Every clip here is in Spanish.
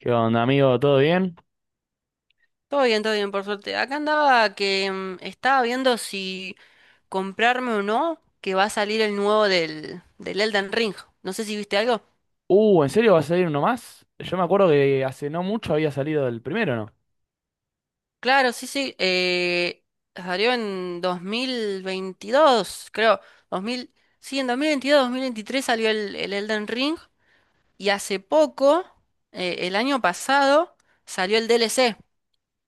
¿Qué onda, amigo? ¿Todo bien? Todo bien, por suerte. Acá andaba que estaba viendo si comprarme o no, que va a salir el nuevo del Elden Ring. No sé si viste algo. ¿En serio va a salir uno más? Yo me acuerdo que hace no mucho había salido el primero, ¿no? Claro, sí, sí. Salió en 2022, creo. 2000 sí, en 2022, 2023 salió el Elden Ring. Y hace poco, el año pasado, salió el DLC.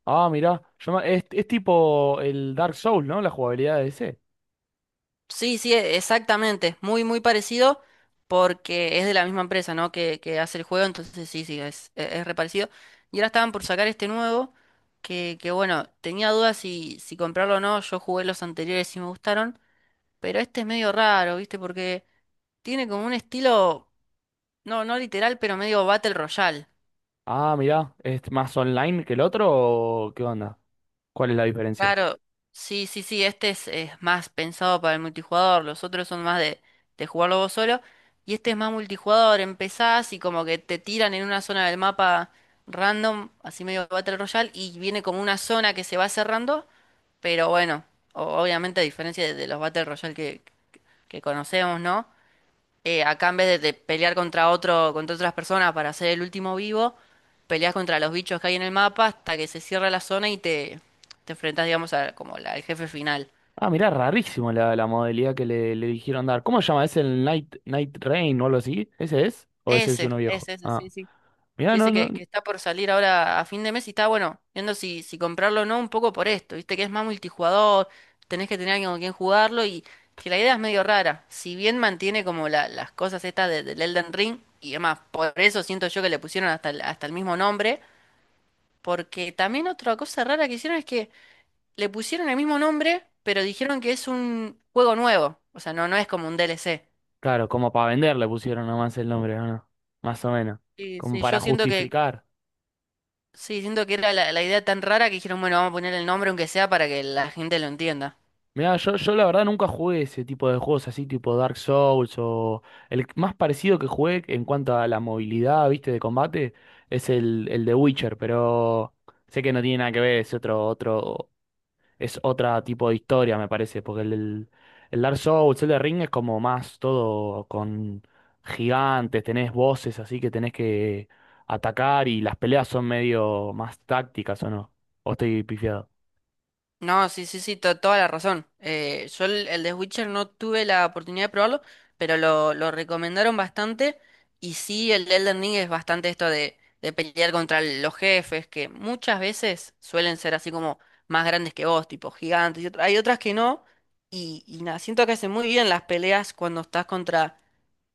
Ah, mirá. Es tipo el Dark Souls, ¿no? La jugabilidad de ese. Sí, sí, exactamente. Muy, muy parecido porque es de la misma empresa, ¿no? Que hace el juego, entonces sí, sí, es, es reparecido. Y ahora estaban por sacar este nuevo, que bueno, tenía dudas si comprarlo o no. Yo jugué los anteriores y me gustaron, pero este es medio raro, ¿viste? Porque tiene como un estilo, no literal, pero medio Battle Royale. Ah, mirá. ¿Es más online que el otro o qué onda? ¿Cuál es la diferencia? Claro, sí, sí, sí, este es más pensado para el multijugador, los otros son más de jugarlo vos solo, y este es más multijugador, empezás y como que te tiran en una zona del mapa random, así medio Battle Royale, y viene como una zona que se va cerrando, pero bueno, obviamente a diferencia de los Battle Royale que conocemos, ¿no? Acá en vez de pelear contra otro, contra otras personas para ser el último vivo, peleas contra los bichos que hay en el mapa hasta que se cierra la zona y te enfrentas, digamos, a, como al jefe final. Ah, mirá, rarísimo la modalidad que le dijeron dar. ¿Cómo se llama? ¿Es el Night Rain o algo así? ¿Ese es? ¿O ese es uno viejo? Ese, Ah, sí, sí. mirá, Sí, no, ese no. que está por salir ahora a fin de mes y está, bueno, viendo si comprarlo o no, un poco por esto, viste que es más multijugador, tenés que tener alguien con quien jugarlo y que la idea es medio rara. Si bien mantiene como las cosas estas del Elden Ring y demás, por eso siento yo que le pusieron hasta hasta el mismo nombre. Porque también otra cosa rara que hicieron es que le pusieron el mismo nombre, pero dijeron que es un juego nuevo. O sea, no, no es como un DLC. Claro, como para vender le pusieron nomás el nombre, ¿o no? Más o menos. Sí, Como sí, para yo siento justificar. sí, siento que era la idea tan rara que dijeron, bueno, vamos a poner el nombre aunque sea para que la gente lo entienda. Mirá, yo la verdad nunca jugué ese tipo de juegos así, tipo Dark Souls o... El más parecido que jugué en cuanto a la movilidad, viste, de combate, es el de Witcher, pero sé que no tiene nada que ver, es otro, es otra tipo de historia, me parece, porque el Dark Souls, el de Ring es como más todo con gigantes, tenés voces así que tenés que atacar y las peleas son medio más tácticas, ¿o no? ¿O estoy pifiado? No, sí, sí, sí, toda la razón. Yo el de Witcher no tuve la oportunidad de probarlo, pero lo recomendaron bastante. Y sí, el de Elden Ring es bastante esto de pelear contra los jefes, que muchas veces suelen ser así como más grandes que vos, tipo gigantes. Y hay otras que no. Y nada, siento que hacen muy bien las peleas cuando estás contra,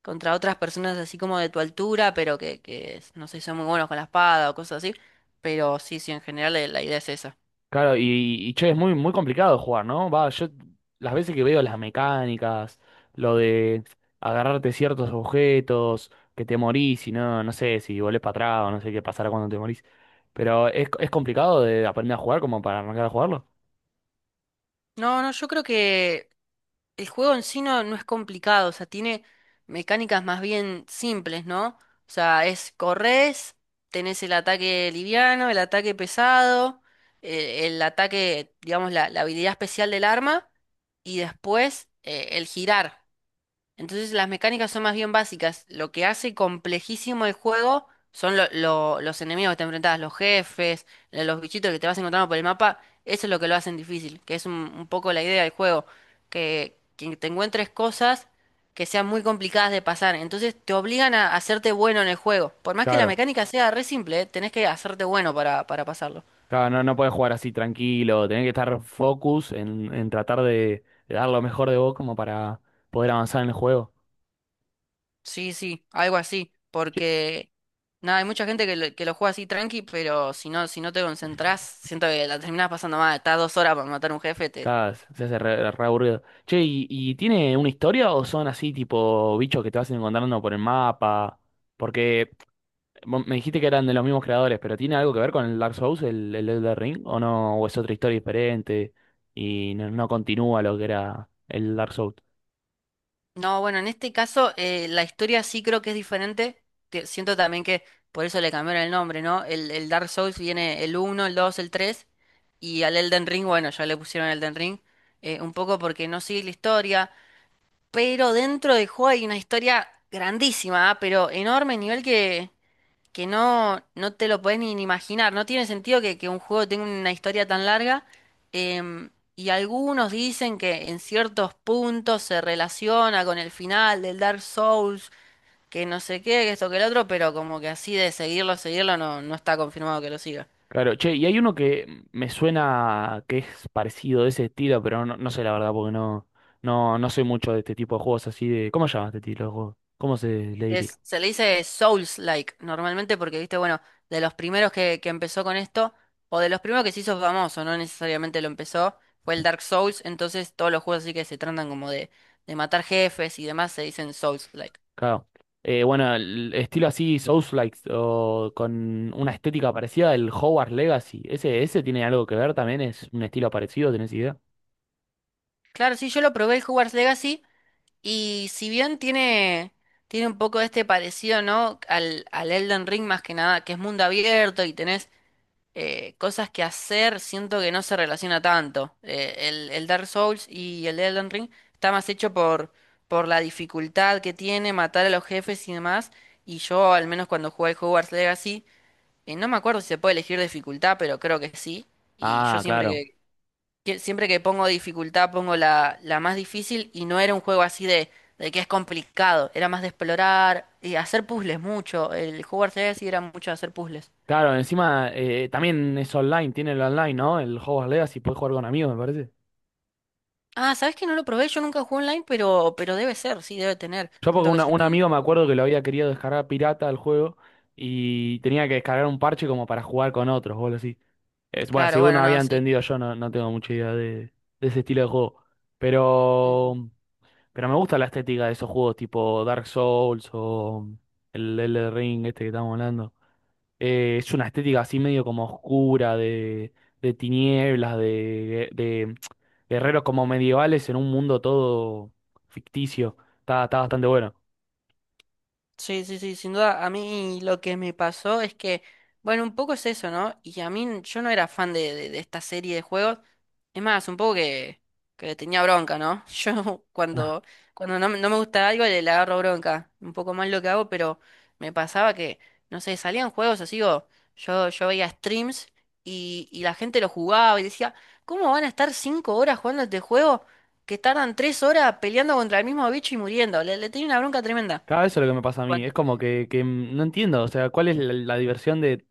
contra otras personas así como de tu altura, pero que no sé, son muy buenos con la espada o cosas así. Pero sí, sí, en general la idea es esa. Claro, y che, es muy complicado jugar, ¿no? Va, yo las veces que veo las mecánicas, lo de agarrarte ciertos objetos, que te morís y no sé si volvés para atrás o no sé qué pasará cuando te morís. Pero es complicado de aprender a jugar como para arrancar a jugarlo. No, no, yo creo que el juego en sí no, no es complicado, o sea, tiene mecánicas más bien simples, ¿no? O sea, es corres, tenés el ataque liviano, el ataque pesado, ataque, digamos, la habilidad especial del arma, y después el girar. Entonces las mecánicas son más bien básicas. Lo que hace complejísimo el juego son los enemigos que te enfrentas, los jefes, los bichitos que te vas encontrando por el mapa. Eso es lo que lo hacen difícil, que es un poco la idea del juego, que te encuentres cosas que sean muy complicadas de pasar. Entonces te obligan a hacerte bueno en el juego. Por más que la Claro, mecánica sea re simple, ¿eh? Tenés que hacerte bueno para pasarlo. claro, no, no puedes jugar así tranquilo, tenés que estar focus en tratar de dar lo mejor de vos como para poder avanzar en el juego. Sí, sí, algo así, Sí. porque nada, hay mucha gente que que lo juega así tranqui, pero si no, si no te concentrás, siento que la terminás pasando mal, estás 2 horas para matar a un jefe, te... Claro, se se hace re aburrido. Che, ¿ y tiene una historia o son así tipo bichos que te vas encontrando por el mapa? Porque vos me dijiste que eran de los mismos creadores, pero ¿tiene algo que ver con el Dark Souls, el Elden Ring? ¿O no? ¿O es otra historia diferente y no continúa lo que era el Dark Souls? No, bueno, en este caso la historia sí creo que es diferente, siento también que por eso le cambiaron el nombre, ¿no? El Dark Souls viene el uno, el 2, el 3, y al Elden Ring, bueno, ya le pusieron Elden Ring, un poco porque no sigue la historia, pero dentro del juego hay una historia grandísima, ah, pero enorme, nivel que... Que no, no te lo podés ni ni imaginar. No tiene sentido que un juego tenga una historia tan larga. em, y algunos dicen que en ciertos puntos se relaciona con el final del Dark Souls, que no sé qué, que esto que el otro, pero como que así de seguirlo, seguirlo, no, no está confirmado que lo siga. Claro, che, y hay uno que me suena que es parecido de ese estilo, pero no sé la verdad, porque no soy mucho de este tipo de juegos así de. ¿Cómo se llama este tipo de juegos? ¿Cómo se le diría? Es, se le dice Souls-like normalmente porque, viste, bueno, de los primeros que empezó con esto, o de los primeros que se hizo famoso, no necesariamente lo empezó, fue el Dark Souls, entonces todos los juegos así que se tratan como de matar jefes y demás se dicen Souls-like. Claro. Bueno, el estilo así, Souls-like, o con una estética parecida del Hogwarts Legacy. Ese tiene algo que ver también? ¿Es un estilo parecido? ¿Tenés idea? Claro, sí, yo lo probé el Hogwarts Legacy y si bien tiene, tiene un poco este parecido, ¿no? Al Elden Ring más que nada, que es mundo abierto y tenés cosas que hacer, siento que no se relaciona tanto. El Dark Souls y el Elden Ring está más hecho por la dificultad que tiene, matar a los jefes y demás. Y yo, al menos cuando jugué Hogwarts Legacy, no me acuerdo si se puede elegir dificultad, pero creo que sí. Y yo Ah, siempre claro. Siempre que pongo dificultad pongo la más difícil y no era un juego así de que es complicado, era más de explorar y hacer puzzles mucho. El Hogwarts Legacy era mucho de hacer puzzles. Claro, encima también es online, tiene el online, ¿no? El Hogwarts Legacy, puedes jugar con amigos, me parece. Ah, ¿sabes que no lo probé? Yo nunca jugué online, pero debe ser, sí, debe tener. Yo porque Siento que es un un... amigo me acuerdo que lo había querido descargar pirata al juego y tenía que descargar un parche como para jugar con otros, o algo así. Es, bueno, Claro, según no bueno, había no, sí. entendido yo, no, no tengo mucha idea de ese estilo de juego. Pero, pero me gusta la estética de esos juegos tipo Dark Souls o el Elden Ring, este que estamos hablando. Es una estética así medio como oscura, de tinieblas, de guerreros como medievales en un mundo todo ficticio. Está, está bastante bueno. Sí, sí, sí, sin duda. A mí lo que me pasó es que, bueno, un poco es eso, ¿no? Y a mí yo no era fan de esta serie de juegos. Es más, un poco que le tenía bronca, ¿no? Yo cuando, cuando no, me no me gusta algo le agarro bronca. Un poco más lo que hago, pero me pasaba que, no sé, salían juegos así o yo veía streams y la gente lo jugaba y decía, ¿cómo van a estar 5 horas jugando este juego que tardan 3 horas peleando contra el mismo bicho y muriendo? Le tenía una bronca tremenda. Cada vez es lo que me pasa a mí. Es como que no entiendo. O sea, ¿cuál es la diversión de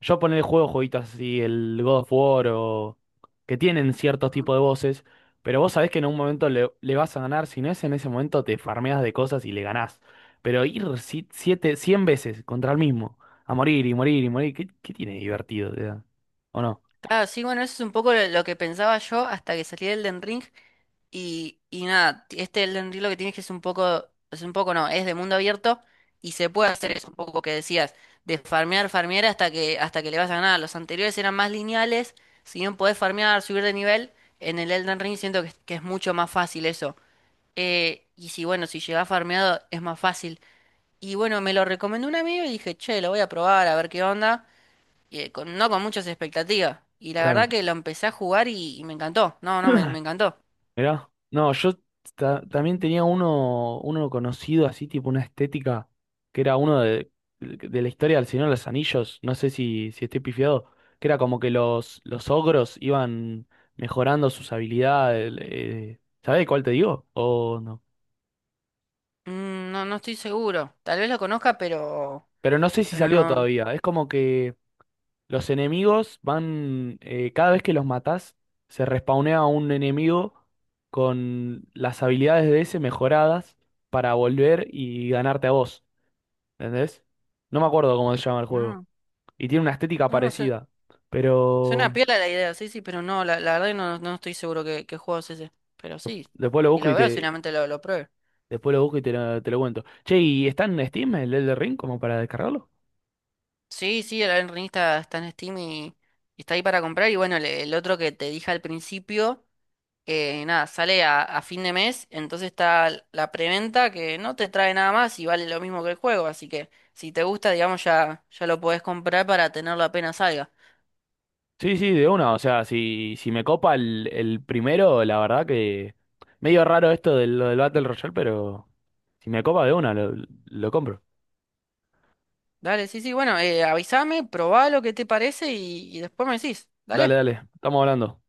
yo poner el juego jueguitos así, el God of War o que tienen ciertos Ajá. tipos de voces, pero vos sabés que en un momento le vas a ganar. Si no es en ese momento, te farmeas de cosas y le ganás. Pero ir siete, cien veces contra el mismo, a morir y morir y morir, ¿qué, qué tiene de divertido? O sea, ¿o no? Claro, sí, bueno, eso es un poco lo que pensaba yo hasta que salí del Elden Ring. Y nada, este Elden Ring lo que tienes que es un poco no, es de mundo abierto y se puede hacer eso, un poco que decías, de farmear, farmear hasta que le vas a ganar. Los anteriores eran más lineales, si bien podés farmear, subir de nivel, en el Elden Ring siento es que es mucho más fácil eso. Y si bueno, si llegás farmeado es más fácil. Y bueno, me lo recomendó un amigo y dije, che, lo voy a probar a ver qué onda. No con muchas expectativas. Y la verdad Claro. que lo empecé a jugar y me encantó. No, no, me encantó. Mirá, no, también tenía uno conocido así, tipo una estética, que era uno de la historia del Señor de los Anillos, no sé si, si estoy pifiado, que era como que los ogros iban mejorando sus habilidades, ¿sabés cuál te digo? O no. Mm, no, no estoy seguro. Tal vez lo conozca, Pero no sé si pero salió no, todavía, es como que los enemigos van, cada vez que los matás, se respawnea un enemigo con las habilidades de ese mejoradas para volver y ganarte a vos, ¿entendés? No me acuerdo cómo se llama el juego. no, Y tiene una estética no, no sé. parecida, Suena pero piola la idea, sí, sí, pero no, la verdad que no, no estoy seguro qué, qué juego es ese. Pero sí, después lo si busco lo y veo, te, seguramente lo pruebe. después lo busco y te te lo cuento. Che, ¿y está en Steam el Elden Ring como para descargarlo? Sí, sí, el Elden Ring está, está en Steam y está ahí para comprar. Y bueno, el otro que te dije al principio. Nada, sale a fin de mes, entonces está la preventa que no te trae nada más y vale lo mismo que el juego, así que si te gusta, digamos, ya, ya lo podés comprar para tenerlo apenas salga. Sí, sí, de una, o sea, si me copa el primero, la verdad que medio raro esto de lo del Battle Royale, pero... Si me copa de una, lo compro. Dale, sí, sí, bueno, avísame, probá lo que te parece y después me decís, Dale, dale. dale, estamos hablando.